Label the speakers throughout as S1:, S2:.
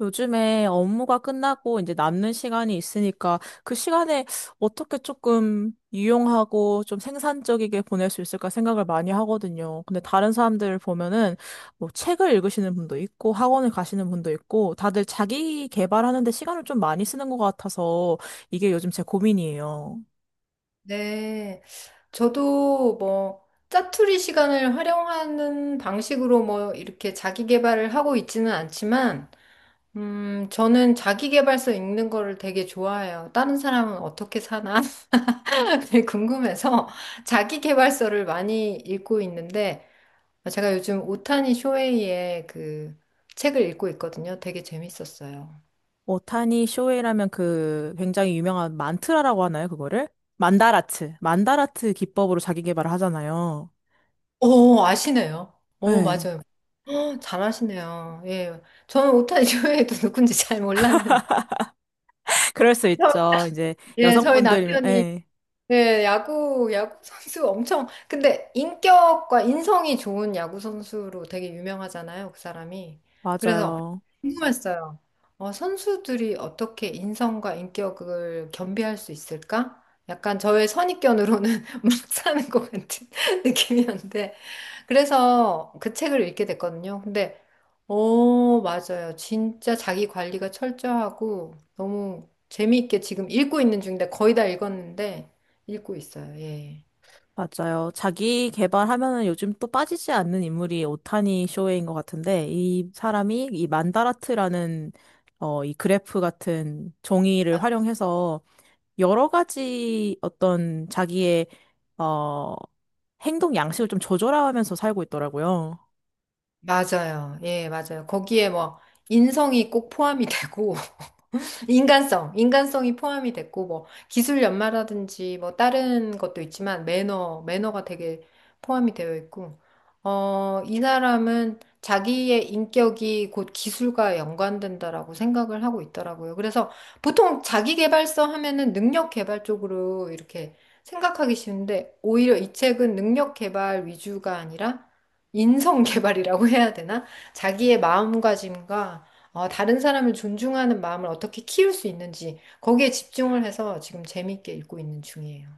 S1: 요즘에 업무가 끝나고 이제 남는 시간이 있으니까 그 시간에 어떻게 조금 유용하고 좀 생산적이게 보낼 수 있을까 생각을 많이 하거든요. 근데 다른 사람들 보면은 뭐 책을 읽으시는 분도 있고 학원을 가시는 분도 있고 다들 자기 개발하는 데 시간을 좀 많이 쓰는 것 같아서 이게 요즘 제 고민이에요.
S2: 네. 저도 뭐 짜투리 시간을 활용하는 방식으로 뭐 이렇게 자기 개발을 하고 있지는 않지만, 저는 자기 개발서 읽는 거를 되게 좋아해요. 다른 사람은 어떻게 사나? 되게 궁금해서 자기 개발서를 많이 읽고 있는데, 제가 요즘 오타니 쇼헤이의 그 책을 읽고 있거든요. 되게 재밌었어요.
S1: 오타니 쇼헤이라면 그 굉장히 유명한 만트라라고 하나요, 그거를? 만다라트. 만다라트 기법으로 자기 개발을 하잖아요.
S2: 오, 아시네요. 오,
S1: 네.
S2: 맞아요. 헉, 잘하시네요. 예. 저는 오타니 쇼헤이도 누군지 잘 몰랐는데.
S1: 그럴 수
S2: 저-
S1: 있죠. 이제
S2: 예, 저희
S1: 여성분들이면,
S2: 남편이
S1: 예,
S2: 예, 야구 선수 엄청 근데 인격과 인성이 좋은 야구 선수로 되게 유명하잖아요, 그 사람이. 그래서
S1: 맞아요.
S2: 궁금했어요. 선수들이 어떻게 인성과 인격을 겸비할 수 있을까? 약간 저의 선입견으로는 막 사는 것 같은 느낌이었는데 그래서 그 책을 읽게 됐거든요. 근데, 어, 맞아요. 진짜 자기 관리가 철저하고 너무 재미있게 지금 읽고 있는 중인데 거의 다 읽었는데 읽고 있어요. 예.
S1: 맞아요. 자기 개발하면은 요즘 또 빠지지 않는 인물이 오타니 쇼헤인 것 같은데, 이 사람이 이 만다라트라는, 이 그래프 같은 종이를
S2: 아,
S1: 활용해서 여러 가지 어떤 자기의, 어, 행동 양식을 좀 조절하면서 살고 있더라고요.
S2: 맞아요. 예, 맞아요. 거기에 뭐 인성이 꼭 포함이 되고 인간성, 인간성이 포함이 됐고, 뭐, 기술 연마라든지, 뭐, 다른 것도 있지만, 매너, 매너가 되게 포함이 되어 있고, 이 사람은 자기의 인격이 곧 기술과 연관된다라고 생각을 하고 있더라고요. 그래서 보통 자기 개발서 하면은 능력 개발 쪽으로 이렇게 생각하기 쉬운데, 오히려 이 책은 능력 개발 위주가 아니라 인성 개발이라고 해야 되나? 자기의 마음가짐과 다른 사람을 존중하는 마음을 어떻게 키울 수 있는지 거기에 집중을 해서 지금 재밌게 읽고 있는 중이에요.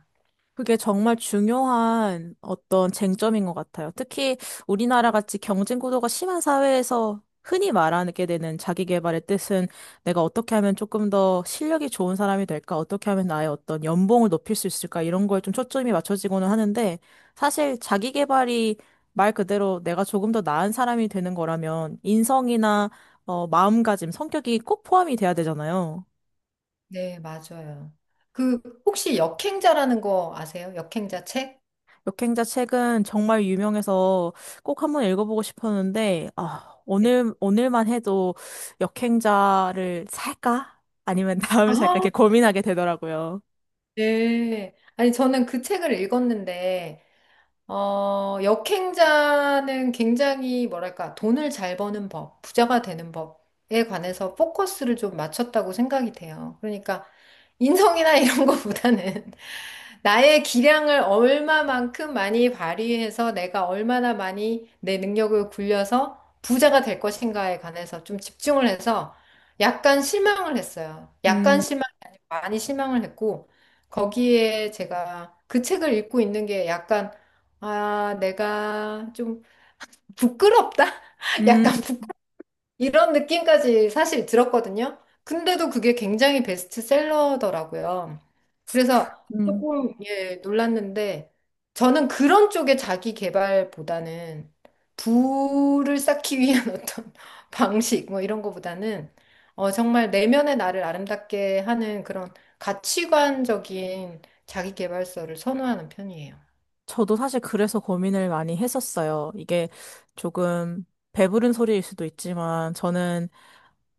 S1: 그게 정말 중요한 어떤 쟁점인 것 같아요. 특히 우리나라 같이 경쟁 구도가 심한 사회에서 흔히 말하게 되는 자기 개발의 뜻은 내가 어떻게 하면 조금 더 실력이 좋은 사람이 될까? 어떻게 하면 나의 어떤 연봉을 높일 수 있을까? 이런 거에 좀 초점이 맞춰지고는 하는데 사실 자기 개발이 말 그대로 내가 조금 더 나은 사람이 되는 거라면 인성이나 마음가짐, 성격이 꼭 포함이 돼야 되잖아요.
S2: 네, 맞아요. 그 혹시 역행자라는 거 아세요? 역행자 책?
S1: 역행자 책은 정말 유명해서 꼭 한 번 읽어보고 싶었는데, 아,
S2: 네.
S1: 오늘만 해도 역행자를 살까? 아니면 다음을 살까?
S2: 아하.
S1: 이렇게 고민하게 되더라고요.
S2: 네. 아니 저는 그 책을 읽었는데 역행자는 굉장히 뭐랄까, 돈을 잘 버는 법, 부자가 되는 법에 관해서 포커스를 좀 맞췄다고 생각이 돼요. 그러니까 인성이나 이런 것보다는 나의 기량을 얼마만큼 많이 발휘해서 내가 얼마나 많이 내 능력을 굴려서 부자가 될 것인가에 관해서 좀 집중을 해서 약간 실망을 했어요. 약간
S1: 음,
S2: 실망이 아니고 많이 실망을 했고 거기에 제가 그 책을 읽고 있는 게 약간 아, 내가 좀 부끄럽다?
S1: 음,
S2: 약간 부끄 이런 느낌까지 사실 들었거든요. 근데도 그게 굉장히 베스트셀러더라고요. 그래서
S1: 음.
S2: 조금, 예, 놀랐는데, 저는 그런 쪽의 자기 개발보다는 부를 쌓기 위한 어떤 방식, 뭐 이런 거보다는, 정말 내면의 나를 아름답게 하는 그런 가치관적인 자기 개발서를 선호하는 편이에요.
S1: 저도 사실 그래서 고민을 많이 했었어요. 이게 조금 배부른 소리일 수도 있지만, 저는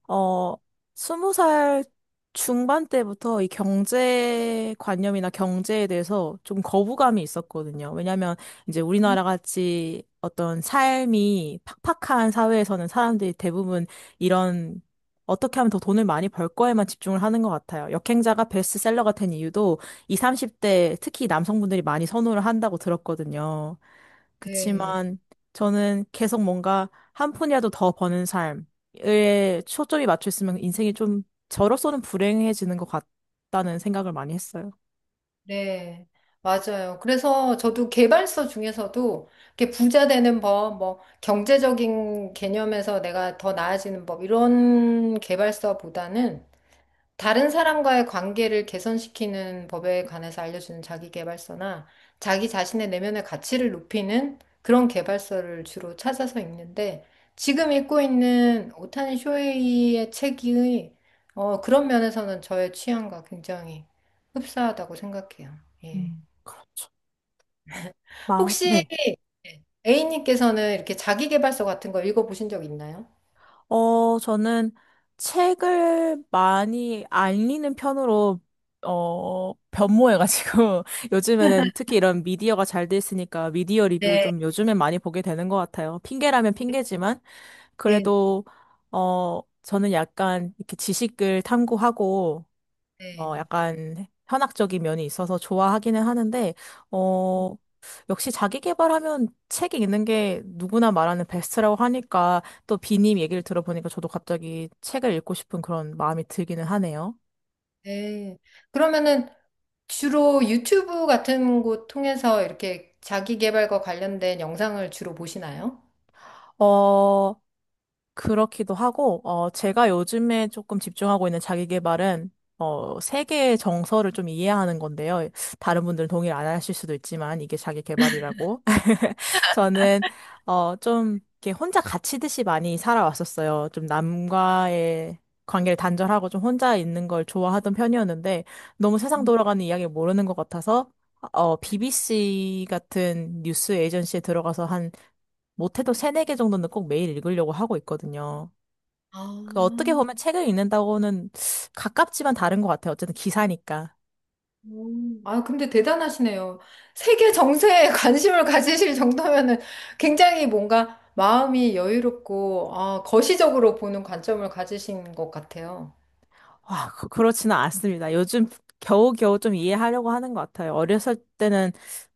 S1: 어, 스무 살 중반 때부터 이 경제 관념이나 경제에 대해서 좀 거부감이 있었거든요. 왜냐하면 이제 우리나라 같이 어떤 삶이 팍팍한 사회에서는 사람들이 대부분 이런 어떻게 하면 더 돈을 많이 벌 거에만 집중을 하는 것 같아요. 역행자가 베스트셀러가 된 이유도 이 30대 특히 남성분들이 많이 선호를 한다고 들었거든요.
S2: 네.
S1: 그치만 저는 계속 뭔가 한 푼이라도 더 버는 삶, 에 초점이 맞춰 있으면 인생이 좀 저로서는 불행해지는 것 같다는 생각을 많이 했어요.
S2: 네, 맞아요. 그래서 저도 개발서 중에서도 이렇게 부자 되는 법, 뭐 경제적인 개념에서 내가 더 나아지는 법 이런 개발서보다는 다른 사람과의 관계를 개선시키는 법에 관해서 알려주는 자기계발서나 자기 자신의 내면의 가치를 높이는 그런 계발서를 주로 찾아서 읽는데 지금 읽고 있는 오타니 쇼헤이의 책이 그런 면에서는 저의 취향과 굉장히 흡사하다고 생각해요. 예.
S1: 그렇죠. 마,
S2: 혹시
S1: 네.
S2: 예, A님께서는 이렇게 자기계발서 같은 거 읽어보신 적 있나요?
S1: 저는 책을 많이 안 읽는 편으로, 변모해가지고, 요즘에는 특히 이런 미디어가 잘 돼 있으니까 미디어 리뷰를
S2: 네,
S1: 좀 요즘엔 많이 보게 되는 것 같아요. 핑계라면 핑계지만,
S2: 네,
S1: 그래도, 저는 약간 이렇게 지식을 탐구하고,
S2: 네.
S1: 약간 현학적인 면이 있어서 좋아하기는 하는데, 어, 역시 자기 개발하면 책이 있는 게 누구나 말하는 베스트라고 하니까 또 비님 얘기를 들어보니까 저도 갑자기 책을 읽고 싶은 그런 마음이 들기는 하네요.
S2: 네. 그러면은 주로 유튜브 같은 곳 통해서 이렇게 자기 개발과 관련된 영상을 주로 보시나요?
S1: 어, 그렇기도 하고, 제가 요즘에 조금 집중하고 있는 자기 개발은 세계의 정서를 좀 이해하는 건데요. 다른 분들은 동의를 안 하실 수도 있지만 이게 자기 개발이라고. 저는 좀 이렇게 혼자 같이듯이 많이 살아왔었어요. 좀 남과의 관계를 단절하고 좀 혼자 있는 걸 좋아하던 편이었는데 너무 세상 돌아가는 이야기를 모르는 것 같아서 BBC 같은 뉴스 에이전시에 들어가서 한 못해도 세네 개 정도는 꼭 매일 읽으려고 하고 있거든요.
S2: 아,
S1: 그 어떻게 보면 책을 읽는다고는 가깝지만 다른 것 같아요. 어쨌든 기사니까.
S2: 아, 근데 대단하시네요. 세계 정세에 관심을 가지실 정도면은 굉장히 뭔가 마음이 여유롭고, 아, 거시적으로 보는 관점을 가지신 것 같아요.
S1: 와, 그렇지는 않습니다. 요즘 겨우겨우 좀 이해하려고 하는 것 같아요. 어렸을 때는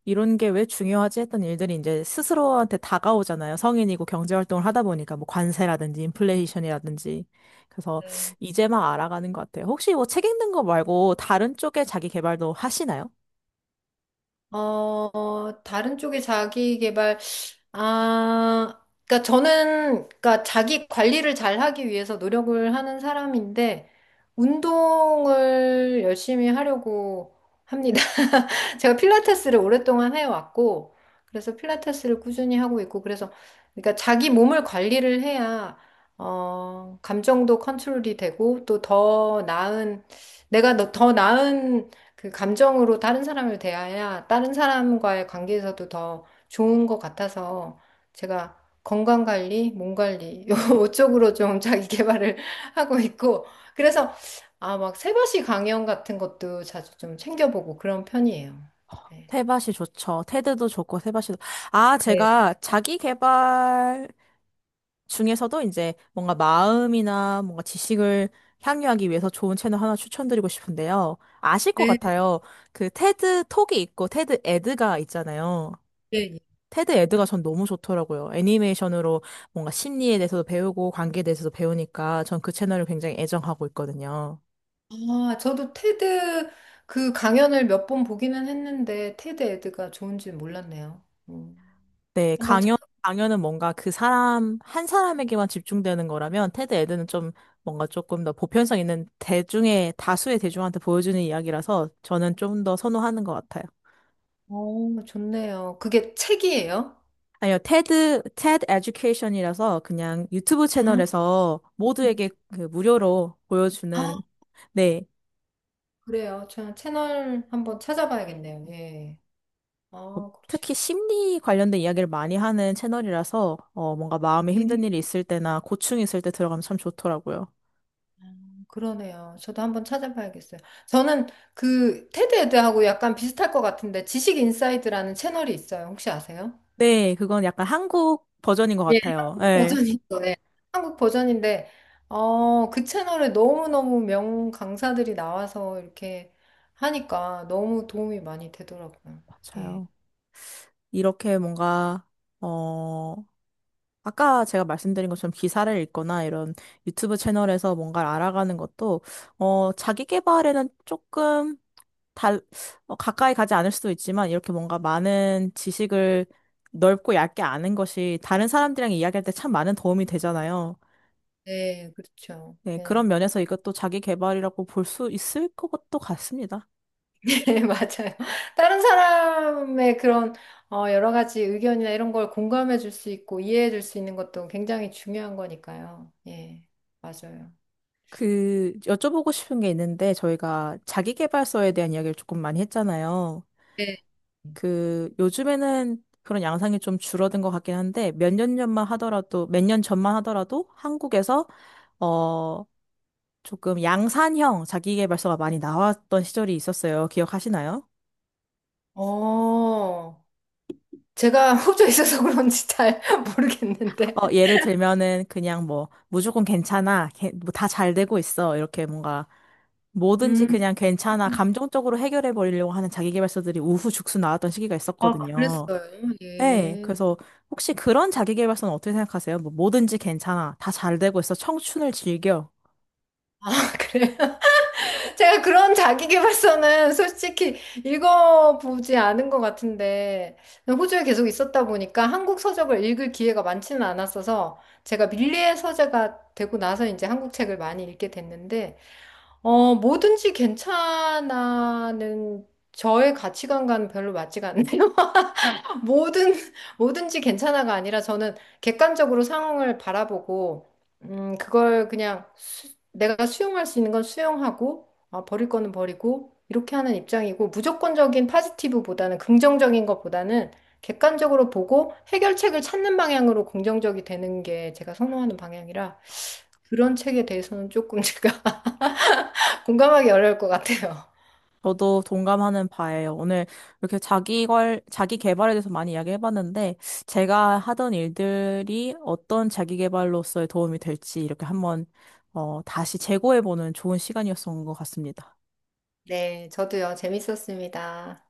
S1: 이런 게 왜 중요하지 했던 일들이 이제 스스로한테 다가오잖아요. 성인이고 경제활동을 하다 보니까 뭐 관세라든지 인플레이션이라든지. 그래서 이제 막 알아가는 것 같아요. 혹시 뭐 책 읽는 거 말고 다른 쪽에 자기 개발도 하시나요?
S2: 다른 쪽의 자기 개발, 아, 그러니까 저는, 그러니까 자기 관리를 잘 하기 위해서 노력을 하는 사람인데, 운동을 열심히 하려고 합니다. 제가 필라테스를 오랫동안 해왔고, 그래서 필라테스를 꾸준히 하고 있고, 그래서, 그러니까 자기 몸을 관리를 해야, 감정도 컨트롤이 되고, 또 더 나은, 내가 더 나은 그 감정으로 다른 사람을 대해야 다른 사람과의 관계에서도 더 좋은 것 같아서, 제가 건강 관리, 몸 관리, 요 쪽으로 좀 자기 개발을 하고 있고, 그래서 아, 막 새벽시 강연 같은 것도 자주 좀 챙겨보고 그런 편이에요. 네.
S1: 테밭이 좋죠. 테드도 좋고 아,
S2: 네.
S1: 제가 자기 개발 중에서도 이제 뭔가 마음이나 뭔가 지식을 향유하기 위해서 좋은 채널 하나 추천드리고 싶은데요. 아실 것
S2: 네,
S1: 같아요. 그 테드 톡이 있고 테드 에드가 있잖아요.
S2: 예, 예.
S1: 테드 에드가 전 너무 좋더라고요. 애니메이션으로 뭔가 심리에 대해서도 배우고 관계에 대해서도 배우니까 전 그 채널을 굉장히 애정하고 있거든요.
S2: 아, 저도 테드 그 강연을 몇 번 보기는 했는데 테드 에드가 좋은 줄 몰랐네요. 음.
S1: 네,
S2: 한번
S1: 강연,
S2: 찾아.
S1: 강연은 뭔가 한 사람에게만 집중되는 거라면, 테드 에드는 좀 뭔가 조금 더 보편성 있는 대중의, 다수의 대중한테 보여주는 이야기라서 저는 좀 더 선호하는 것 같아요.
S2: 오, 좋네요. 그게 책이에요?
S1: 아니요, 테드 에듀케이션이라서 그냥 유튜브
S2: 아,
S1: 채널에서 모두에게 그 무료로
S2: 아,
S1: 보여주는, 네,
S2: 그래요. 저 채널 한번 찾아봐야겠네요. 예. 아, 그러시.
S1: 특히 심리 관련된 이야기를 많이 하는 채널이라서, 뭔가 마음에
S2: 예,
S1: 힘든 일이 있을 때나 고충이 있을 때 들어가면 참 좋더라고요.
S2: 그러네요. 저도 한번 찾아봐야겠어요. 저는 그 테드 에드하고 약간 비슷할 것 같은데 지식 인사이드라는 채널이 있어요. 혹시 아세요?
S1: 네, 그건 약간 한국 버전인 것 같아요. 네,
S2: 버전인 거예요. 한국 버전인데, 그 채널에 너무너무 명 강사들이 나와서 이렇게 하니까 너무 도움이 많이 되더라고요. 예.
S1: 맞아요. 이렇게 뭔가, 어, 아까 제가 말씀드린 것처럼 기사를 읽거나 이런 유튜브 채널에서 뭔가를 알아가는 것도, 자기 개발에는 조금 달, 가까이 가지 않을 수도 있지만, 이렇게 뭔가 많은 지식을 넓고 얇게 아는 것이 다른 사람들이랑 이야기할 때 참 많은 도움이 되잖아요.
S2: 네, 그렇죠.
S1: 네, 그런
S2: 예.
S1: 면에서 이것도 자기 개발이라고 볼 수 있을 것도 같습니다.
S2: 네, 맞아요. 다른 사람의 그런 여러 가지 의견이나 이런 걸 공감해 줄 수 있고 이해해 줄 수 있는 것도 굉장히 중요한 거니까요. 예, 맞아요.
S1: 그 여쭤보고 싶은 게 있는데 저희가 자기계발서에 대한 이야기를 조금 많이 했잖아요.
S2: 네.
S1: 그 요즘에는 그런 양상이 좀 줄어든 것 같긴 한데 몇 년 전만 하더라도 한국에서 어 조금 양산형 자기계발서가 많이 나왔던 시절이 있었어요. 기억하시나요?
S2: 어, 제가 호주에 있어서 그런지 잘 모르겠는데.
S1: 예를 들면은 그냥 뭐 무조건 괜찮아, 다 잘 되고 있어 이렇게 뭔가 뭐든지
S2: 음.
S1: 그냥 괜찮아 감정적으로 해결해 버리려고 하는 자기계발서들이 우후죽순 나왔던 시기가
S2: 아, 랬
S1: 있었거든요.
S2: 어요
S1: 네,
S2: 예.
S1: 그래서 혹시 그런 자기계발서는 어떻게 생각하세요? 뭐 뭐든지 괜찮아. 다 잘 되고 있어. 청춘을 즐겨.
S2: 아, 그래요? 제가 그런 자기계발서는 솔직히 읽어보지 않은 것 같은데, 호주에 계속 있었다 보니까 한국 서적을 읽을 기회가 많지는 않았어서, 제가 밀리의 서재가 되고 나서 이제 한국 책을 많이 읽게 됐는데, 뭐든지 괜찮아는 저의 가치관과는 별로 맞지가 않네요. 뭐든, 뭐든지 괜찮아가 아니라 저는 객관적으로 상황을 바라보고, 그걸 그냥 내가 수용할 수 있는 건 수용하고, 아, 버릴 거는 버리고, 이렇게 하는 입장이고, 무조건적인 파지티브보다는 긍정적인 것보다는 객관적으로 보고 해결책을 찾는 방향으로 긍정적이 되는 게 제가 선호하는 방향이라 그런 책에 대해서는 조금 제가 공감하기 어려울 것 같아요.
S1: 저도 동감하는 바예요. 오늘 이렇게 자기계발에 대해서 많이 이야기해봤는데, 제가 하던 일들이 어떤 자기계발로서의 도움이 될지 이렇게 한번, 다시 재고해보는 좋은 시간이었던 것 같습니다.
S2: 네, 저도요, 재밌었습니다.